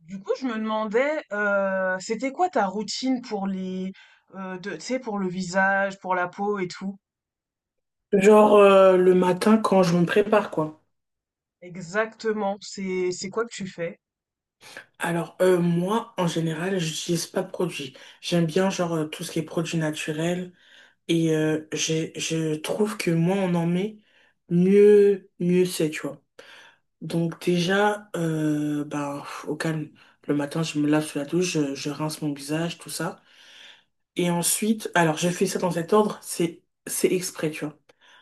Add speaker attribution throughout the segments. Speaker 1: Du coup, je me demandais, c'était quoi ta routine pour les, tu sais, pour le visage, pour la peau et tout?
Speaker 2: Genre le matin quand je me prépare quoi.
Speaker 1: Exactement, c'est quoi que tu fais?
Speaker 2: Alors moi en général j'utilise pas de produits. J'aime bien genre tout ce qui est produits naturels et je trouve que moins on en met mieux c'est tu vois. Donc déjà au calme le matin je me lave sous la douche je rince mon visage tout ça. Et ensuite, alors j'ai fait ça dans cet ordre, c'est exprès, tu vois.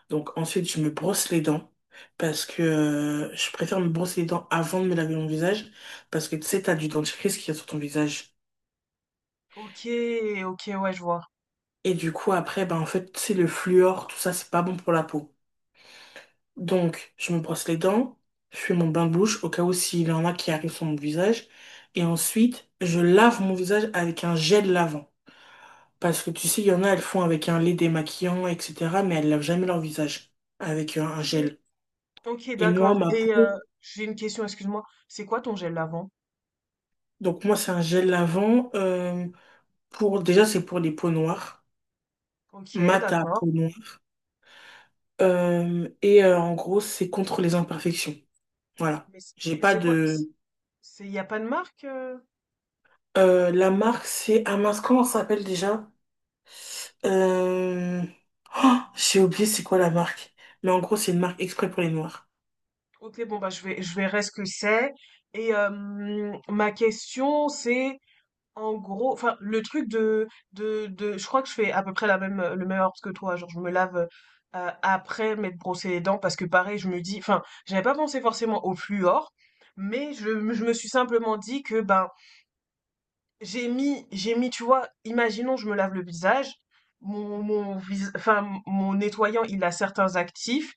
Speaker 2: Donc ensuite, je me brosse les dents parce que je préfère me brosser les dents avant de me laver mon visage parce que tu sais, t'as du dentifrice qui est sur ton visage.
Speaker 1: Ok, ok, ouais, je vois.
Speaker 2: Et du coup, après, ben en fait, c'est le fluor, tout ça, c'est pas bon pour la peau. Donc, je me brosse les dents, je fais mon bain de bouche au cas où s'il y en a qui arrivent sur mon visage. Et ensuite, je lave mon visage avec un gel lavant. Parce que tu sais, il y en a, elles font avec un lait démaquillant, etc. Mais elles lavent jamais leur visage avec un
Speaker 1: Ok,
Speaker 2: gel.
Speaker 1: ok,
Speaker 2: Et moi,
Speaker 1: d'accord.
Speaker 2: ma
Speaker 1: Et
Speaker 2: peau,
Speaker 1: j'ai une question, excuse-moi. C'est quoi ton gel lavant?
Speaker 2: donc moi, c'est un gel lavant. Pour, déjà, c'est pour les peaux noires,
Speaker 1: Ok,
Speaker 2: mat à
Speaker 1: d'accord.
Speaker 2: peau noire. En gros, c'est contre les imperfections. Voilà.
Speaker 1: Mais,
Speaker 2: J'ai
Speaker 1: mais
Speaker 2: pas
Speaker 1: c'est quoi?
Speaker 2: de.
Speaker 1: Il n'y a pas de marque?
Speaker 2: La marque, c'est. Ah mince, comment ça s'appelle déjà? Euh, oh, j'ai oublié c'est quoi la marque. Mais en gros, c'est une marque exprès pour les noirs.
Speaker 1: Ok, bon, bah, je vais, je verrai ce que c'est. Et ma question, c'est en gros, enfin, le truc je crois que je fais à peu près la même, le même ordre que toi. Genre, je me lave après m'être brossé les dents parce que pareil, je me dis, enfin, j'avais pas pensé forcément au fluor, mais je me suis simplement dit que, ben, j'ai mis, tu vois, imaginons je me lave le visage, mon mon vis enfin mon nettoyant, il a certains actifs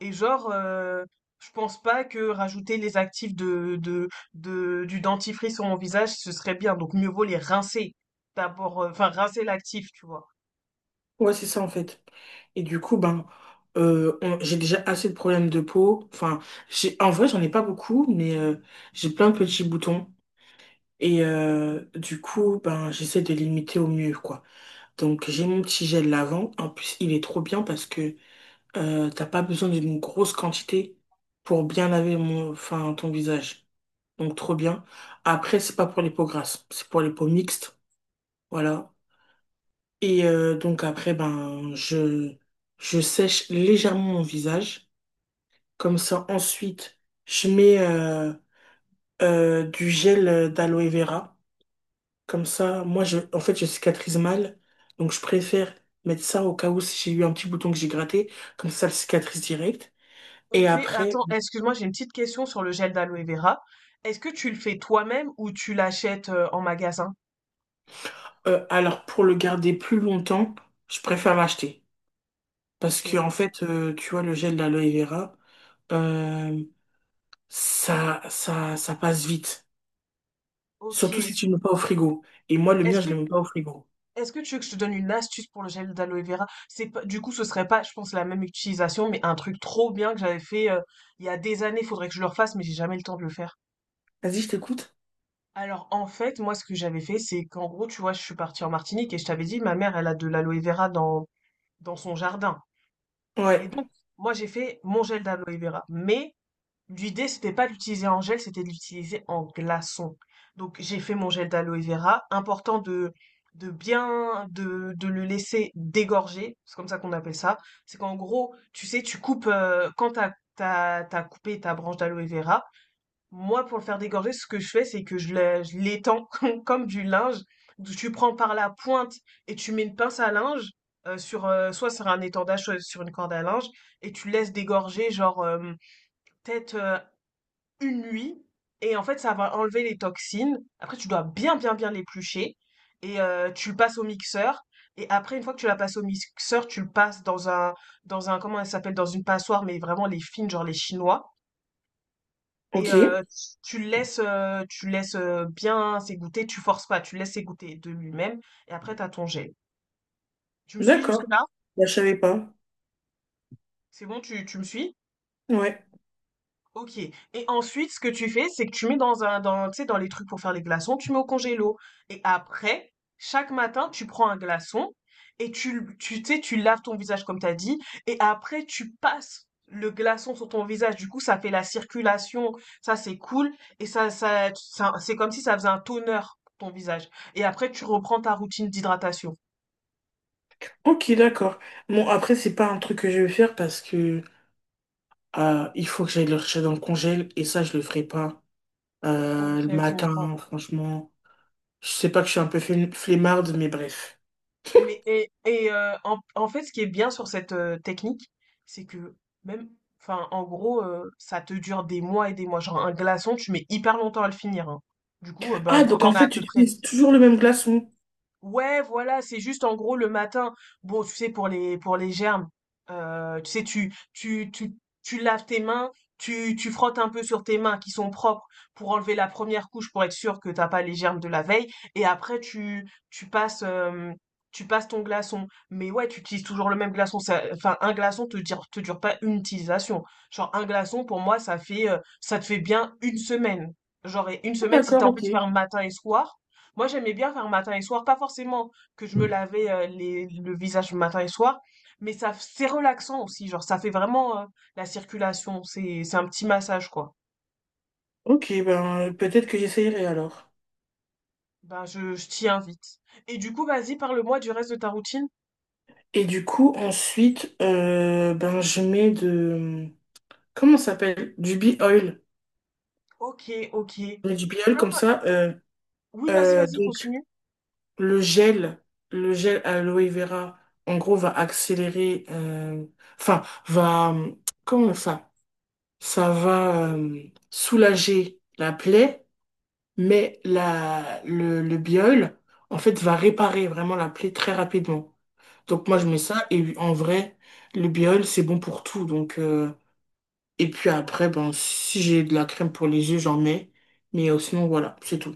Speaker 1: et genre, je pense pas que rajouter les actifs de du dentifrice sur mon visage, ce serait bien, donc mieux vaut les rincer. D'abord, enfin rincer l'actif, tu vois?
Speaker 2: Ouais, c'est ça en fait. Et du coup, ben, j'ai déjà assez de problèmes de peau. Enfin, j'ai, en vrai, j'en ai pas beaucoup, mais j'ai plein de petits boutons. Et du coup, ben, j'essaie de limiter au mieux, quoi. Donc, j'ai mon petit gel lavant. En plus, il est trop bien parce que t'as pas besoin d'une grosse quantité pour bien laver mon, enfin, ton visage. Donc, trop bien. Après, c'est pas pour les peaux grasses, c'est pour les peaux mixtes. Voilà. Et donc, après, je sèche légèrement mon visage. Comme ça, ensuite, je mets du gel d'aloe vera. Comme ça, en fait, je cicatrise mal. Donc, je préfère mettre ça au cas où si j'ai eu un petit bouton que j'ai gratté. Comme ça, le cicatrise direct. Et
Speaker 1: OK,
Speaker 2: après,
Speaker 1: attends, excuse-moi, j'ai une petite question sur le gel d'aloe vera. Est-ce que tu le fais toi-même ou tu l'achètes, en magasin?
Speaker 2: alors, pour le garder plus longtemps, je préfère l'acheter. Parce que,
Speaker 1: OK,
Speaker 2: en fait, tu vois, le gel d'aloe vera, euh, ça passe vite. Surtout si
Speaker 1: OK.
Speaker 2: tu ne le mets pas au frigo. Et moi, le
Speaker 1: Est-ce
Speaker 2: mien, je
Speaker 1: que
Speaker 2: le mets pas au frigo.
Speaker 1: Est-ce que tu veux que je te donne une astuce pour le gel d'aloe vera? C'est pas, du coup, ce serait pas, je pense, la même utilisation, mais un truc trop bien que j'avais fait il y a des années. Faudrait que je le refasse, mais j'ai jamais le temps de le faire.
Speaker 2: Vas-y, je t'écoute.
Speaker 1: Alors, en fait, moi, ce que j'avais fait, c'est qu'en gros, tu vois, je suis partie en Martinique et je t'avais dit, ma mère, elle a de l'aloe vera dans, dans son jardin. Et
Speaker 2: Ouais.
Speaker 1: donc, moi, j'ai fait mon gel d'aloe vera. Mais l'idée, c'était pas d'utiliser en gel, c'était de l'utiliser en glaçon. Donc j'ai fait mon gel d'aloe vera. Important de bien de le laisser dégorger, c'est comme ça qu'on appelle ça. C'est qu'en gros, tu sais, tu coupes quand t'as coupé ta branche d'aloe vera. Moi, pour le faire dégorger, ce que je fais, c'est que je l'étends comme du linge. Tu prends par la pointe et tu mets une pince à linge sur soit sur un étendage, soit sur une corde à linge et tu laisses dégorger genre peut-être une nuit et en fait, ça va enlever les toxines. Après, tu dois bien, bien, bien l'éplucher et tu le passes au mixeur et après, une fois que tu la passes au mixeur, tu le passes dans un comment elle s'appelle? Dans une passoire, mais vraiment les fines, genre les chinois et
Speaker 2: Ok.
Speaker 1: tu le laisses, bien s'égoutter, tu forces pas, tu le laisses s'égoutter de lui-même et après t'as ton gel. Tu me suis
Speaker 2: D'accord.
Speaker 1: jusque-là?
Speaker 2: Bah, je savais pas.
Speaker 1: C'est bon, tu me suis?
Speaker 2: Ouais.
Speaker 1: Ok. Et ensuite, ce que tu fais, c'est que tu mets dans un, dans, tu sais, dans les trucs pour faire les glaçons, tu mets au congélo. Et après, chaque matin, tu prends un glaçon et tu sais, tu laves ton visage comme t'as dit. Et après, tu passes le glaçon sur ton visage. Du coup, ça fait la circulation. Ça, c'est cool. Et c'est comme si ça faisait un toner pour ton visage. Et après, tu reprends ta routine d'hydratation.
Speaker 2: Ok, d'accord. Bon, après, c'est pas un truc que je vais faire parce que il faut que j'aille le rechercher dans le congèle et ça, je le ferai pas
Speaker 1: Ok,
Speaker 2: le
Speaker 1: je comprends.
Speaker 2: matin, franchement. Je sais pas que je suis un peu flemmarde, mais bref.
Speaker 1: Mais en fait, ce qui est bien sur cette, technique, c'est que même enfin, en gros, ça te dure des mois et des mois. Genre un glaçon, tu mets hyper longtemps à le finir, hein. Du coup, bah,
Speaker 2: Ah,
Speaker 1: vu que tu
Speaker 2: donc en
Speaker 1: as
Speaker 2: fait,
Speaker 1: à
Speaker 2: tu
Speaker 1: peu près
Speaker 2: utilises toujours le même glaçon.
Speaker 1: Ouais, voilà, c'est juste en gros le matin. Bon, tu sais, pour les germes, tu sais, tu laves tes mains, tu frottes un peu sur tes mains qui sont propres pour enlever la première couche pour être sûr que t'as pas les germes de la veille. Et après, tu passes ton glaçon. Mais ouais, tu utilises toujours le même glaçon. Ça- enfin, un glaçon te dure pas une utilisation. Genre un glaçon pour moi, ça fait ça te fait bien une semaine. Genre et une
Speaker 2: Ah,
Speaker 1: semaine si t'as
Speaker 2: d'accord,
Speaker 1: envie
Speaker 2: ok.
Speaker 1: de faire matin et soir. Moi, j'aimais bien faire matin et soir, pas forcément que je me lavais le visage matin et soir, mais ça, c'est relaxant aussi, genre ça fait vraiment la circulation, c'est un petit massage quoi.
Speaker 2: Ok, ben peut-être que j'essayerai alors.
Speaker 1: Ben, je t'y invite. Et du coup, vas-y, parle-moi du reste de ta routine.
Speaker 2: Et du coup, ensuite, ben je mets de... Comment ça s'appelle? Du bee oil.
Speaker 1: Ok, ok.
Speaker 2: Je mets du bee oil comme
Speaker 1: Ah,
Speaker 2: ça.
Speaker 1: oui, vas-y,
Speaker 2: Donc
Speaker 1: continue.
Speaker 2: le gel, le gel aloe vera, en gros, va accélérer, enfin, va, euh, comment ça? Ça va soulager la plaie, mais le biol, en fait, va réparer vraiment la plaie très rapidement. Donc moi, je mets ça, et en vrai, le biol, c'est bon pour tout. Donc, et puis après, ben, si j'ai de la crème pour les yeux, j'en mets. Mais sinon, voilà, c'est tout.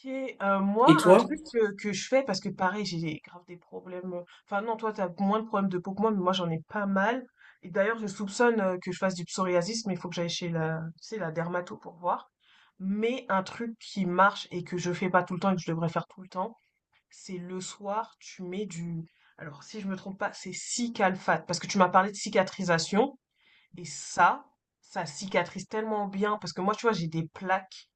Speaker 1: OK, moi,
Speaker 2: Et
Speaker 1: un
Speaker 2: toi?
Speaker 1: truc, que je fais parce que pareil, grave des problèmes, enfin non, toi, t'as moins de problèmes de peau que moi, mais moi, j'en ai pas mal et d'ailleurs, je soupçonne, que je fasse du psoriasis, mais il faut que j'aille chez la tu sais, la dermato pour voir. Mais un truc qui marche et que je fais pas tout le temps et que je devrais faire tout le temps, c'est le soir, tu mets du alors si je me trompe pas, c'est Cicalfate, parce que tu m'as parlé de cicatrisation et ça cicatrise tellement bien parce que moi, tu vois,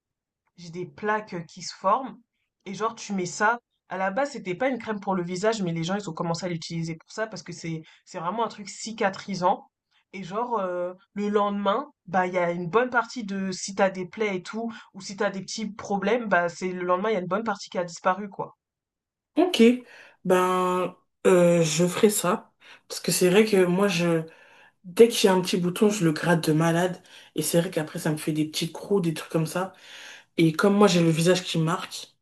Speaker 1: j'ai des plaques qui se forment. Et genre, tu mets ça. À la base, c'était pas une crème pour le visage, mais les gens, ils ont commencé à l'utiliser pour ça parce que c'est vraiment un truc cicatrisant. Et genre, le lendemain, bah, il y a une bonne partie de si t'as des plaies et tout, ou si t'as des petits problèmes, bah, c'est le lendemain, il y a une bonne partie qui a disparu, quoi.
Speaker 2: Ok, ben je ferai ça parce que c'est vrai que moi je dès que j'ai un petit bouton je le gratte de malade et c'est vrai qu'après ça me fait des petits crocs des trucs comme ça et comme moi j'ai le visage qui marque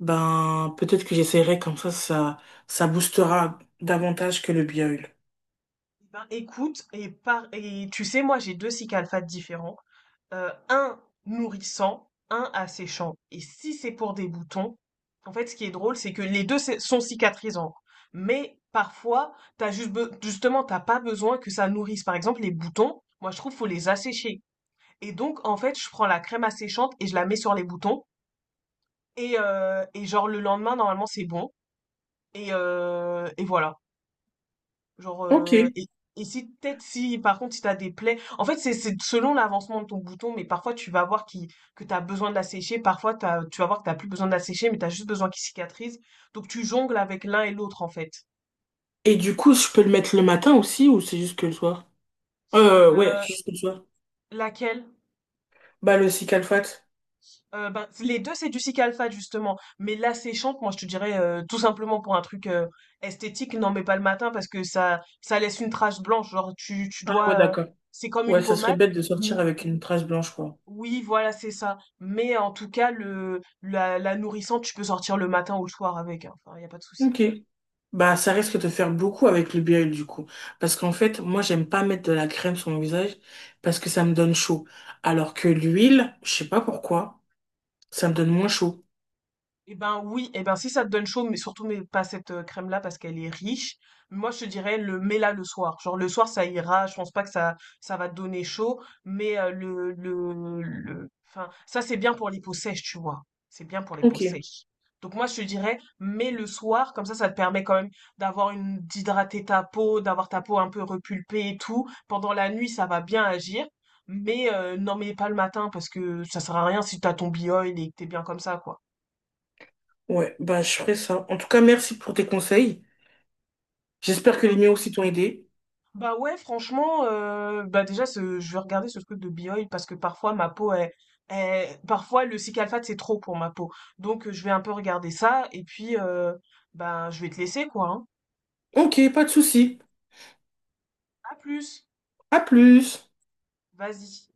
Speaker 2: ben peut-être que j'essaierai comme ça ça boostera davantage que le bio.
Speaker 1: Eh ben, écoute, et tu sais, moi j'ai deux cycles différents. Un nourrissant, un asséchant. Et si c'est pour des boutons, en fait ce qui est drôle, c'est que les deux sont cicatrisants. Mais parfois, justement, t'as pas besoin que ça nourrisse. Par exemple, les boutons, moi je trouve faut les assécher. Et donc, en fait, je prends la crème asséchante et je la mets sur les boutons. Et genre le lendemain, normalement, c'est bon. Et voilà. Genre,
Speaker 2: Ok.
Speaker 1: euh, et, et si peut-être si par contre si t'as des plaies, en fait c'est selon l'avancement de ton bouton, mais parfois tu vas voir qui que t'as besoin de la sécher, parfois tu vas voir que t'as plus besoin de la sécher, mais t'as juste besoin qu'il cicatrise. Donc tu jongles avec l'un et l'autre en fait.
Speaker 2: Et du coup je peux le mettre le matin aussi ou c'est juste que le soir? Ouais
Speaker 1: Euh,
Speaker 2: juste le soir.
Speaker 1: Laquelle?
Speaker 2: Bah le cicalfate.
Speaker 1: Ben, les deux c'est du cic justement, mais la séchante, moi je te dirais tout simplement pour un truc esthétique, n'en mets pas le matin parce que ça laisse une trace blanche. Genre tu
Speaker 2: Ah ouais
Speaker 1: dois,
Speaker 2: d'accord.
Speaker 1: c'est comme une
Speaker 2: Ouais ça serait
Speaker 1: pommade.
Speaker 2: bête de sortir avec une trace blanche quoi.
Speaker 1: Oui, voilà, c'est ça. Mais en tout cas, la nourrissante, tu peux sortir le matin ou le soir avec, hein. Enfin, il n'y a pas de souci.
Speaker 2: Ok. Bah, ça risque de faire beaucoup avec le BL du coup. Parce qu'en fait, moi, j'aime pas mettre de la crème sur mon visage parce que ça me donne chaud. Alors que l'huile, je sais pas pourquoi, ça me donne moins chaud.
Speaker 1: Eh ben oui, eh ben si ça te donne chaud, mais pas cette crème-là parce qu'elle est riche. Moi je te dirais le mets-la le soir. Genre le soir ça ira, je pense pas que ça va te donner chaud, mais le enfin ça c'est bien pour les peaux sèches, tu vois. C'est bien pour les peaux
Speaker 2: Ok.
Speaker 1: sèches. Donc moi je te dirais mets le soir, comme ça ça te permet quand même d'hydrater ta peau, d'avoir ta peau un peu repulpée et tout. Pendant la nuit ça va bien agir, mais n'en mets pas le matin parce que ça sert à rien si t'as ton bioil et que t'es bien comme ça quoi.
Speaker 2: Ouais, bah, je ferai ça. En tout cas, merci pour tes conseils. J'espère que les miens aussi t'ont aidé.
Speaker 1: Bah ouais, franchement, bah déjà, je vais regarder ce truc de Bioil parce que parfois ma peau est, parfois le cycalphate c'est trop pour ma peau. Donc je vais un peu regarder ça et puis bah, je vais te laisser quoi, hein.
Speaker 2: Ok, pas de souci.
Speaker 1: À plus,
Speaker 2: À plus.
Speaker 1: vas-y.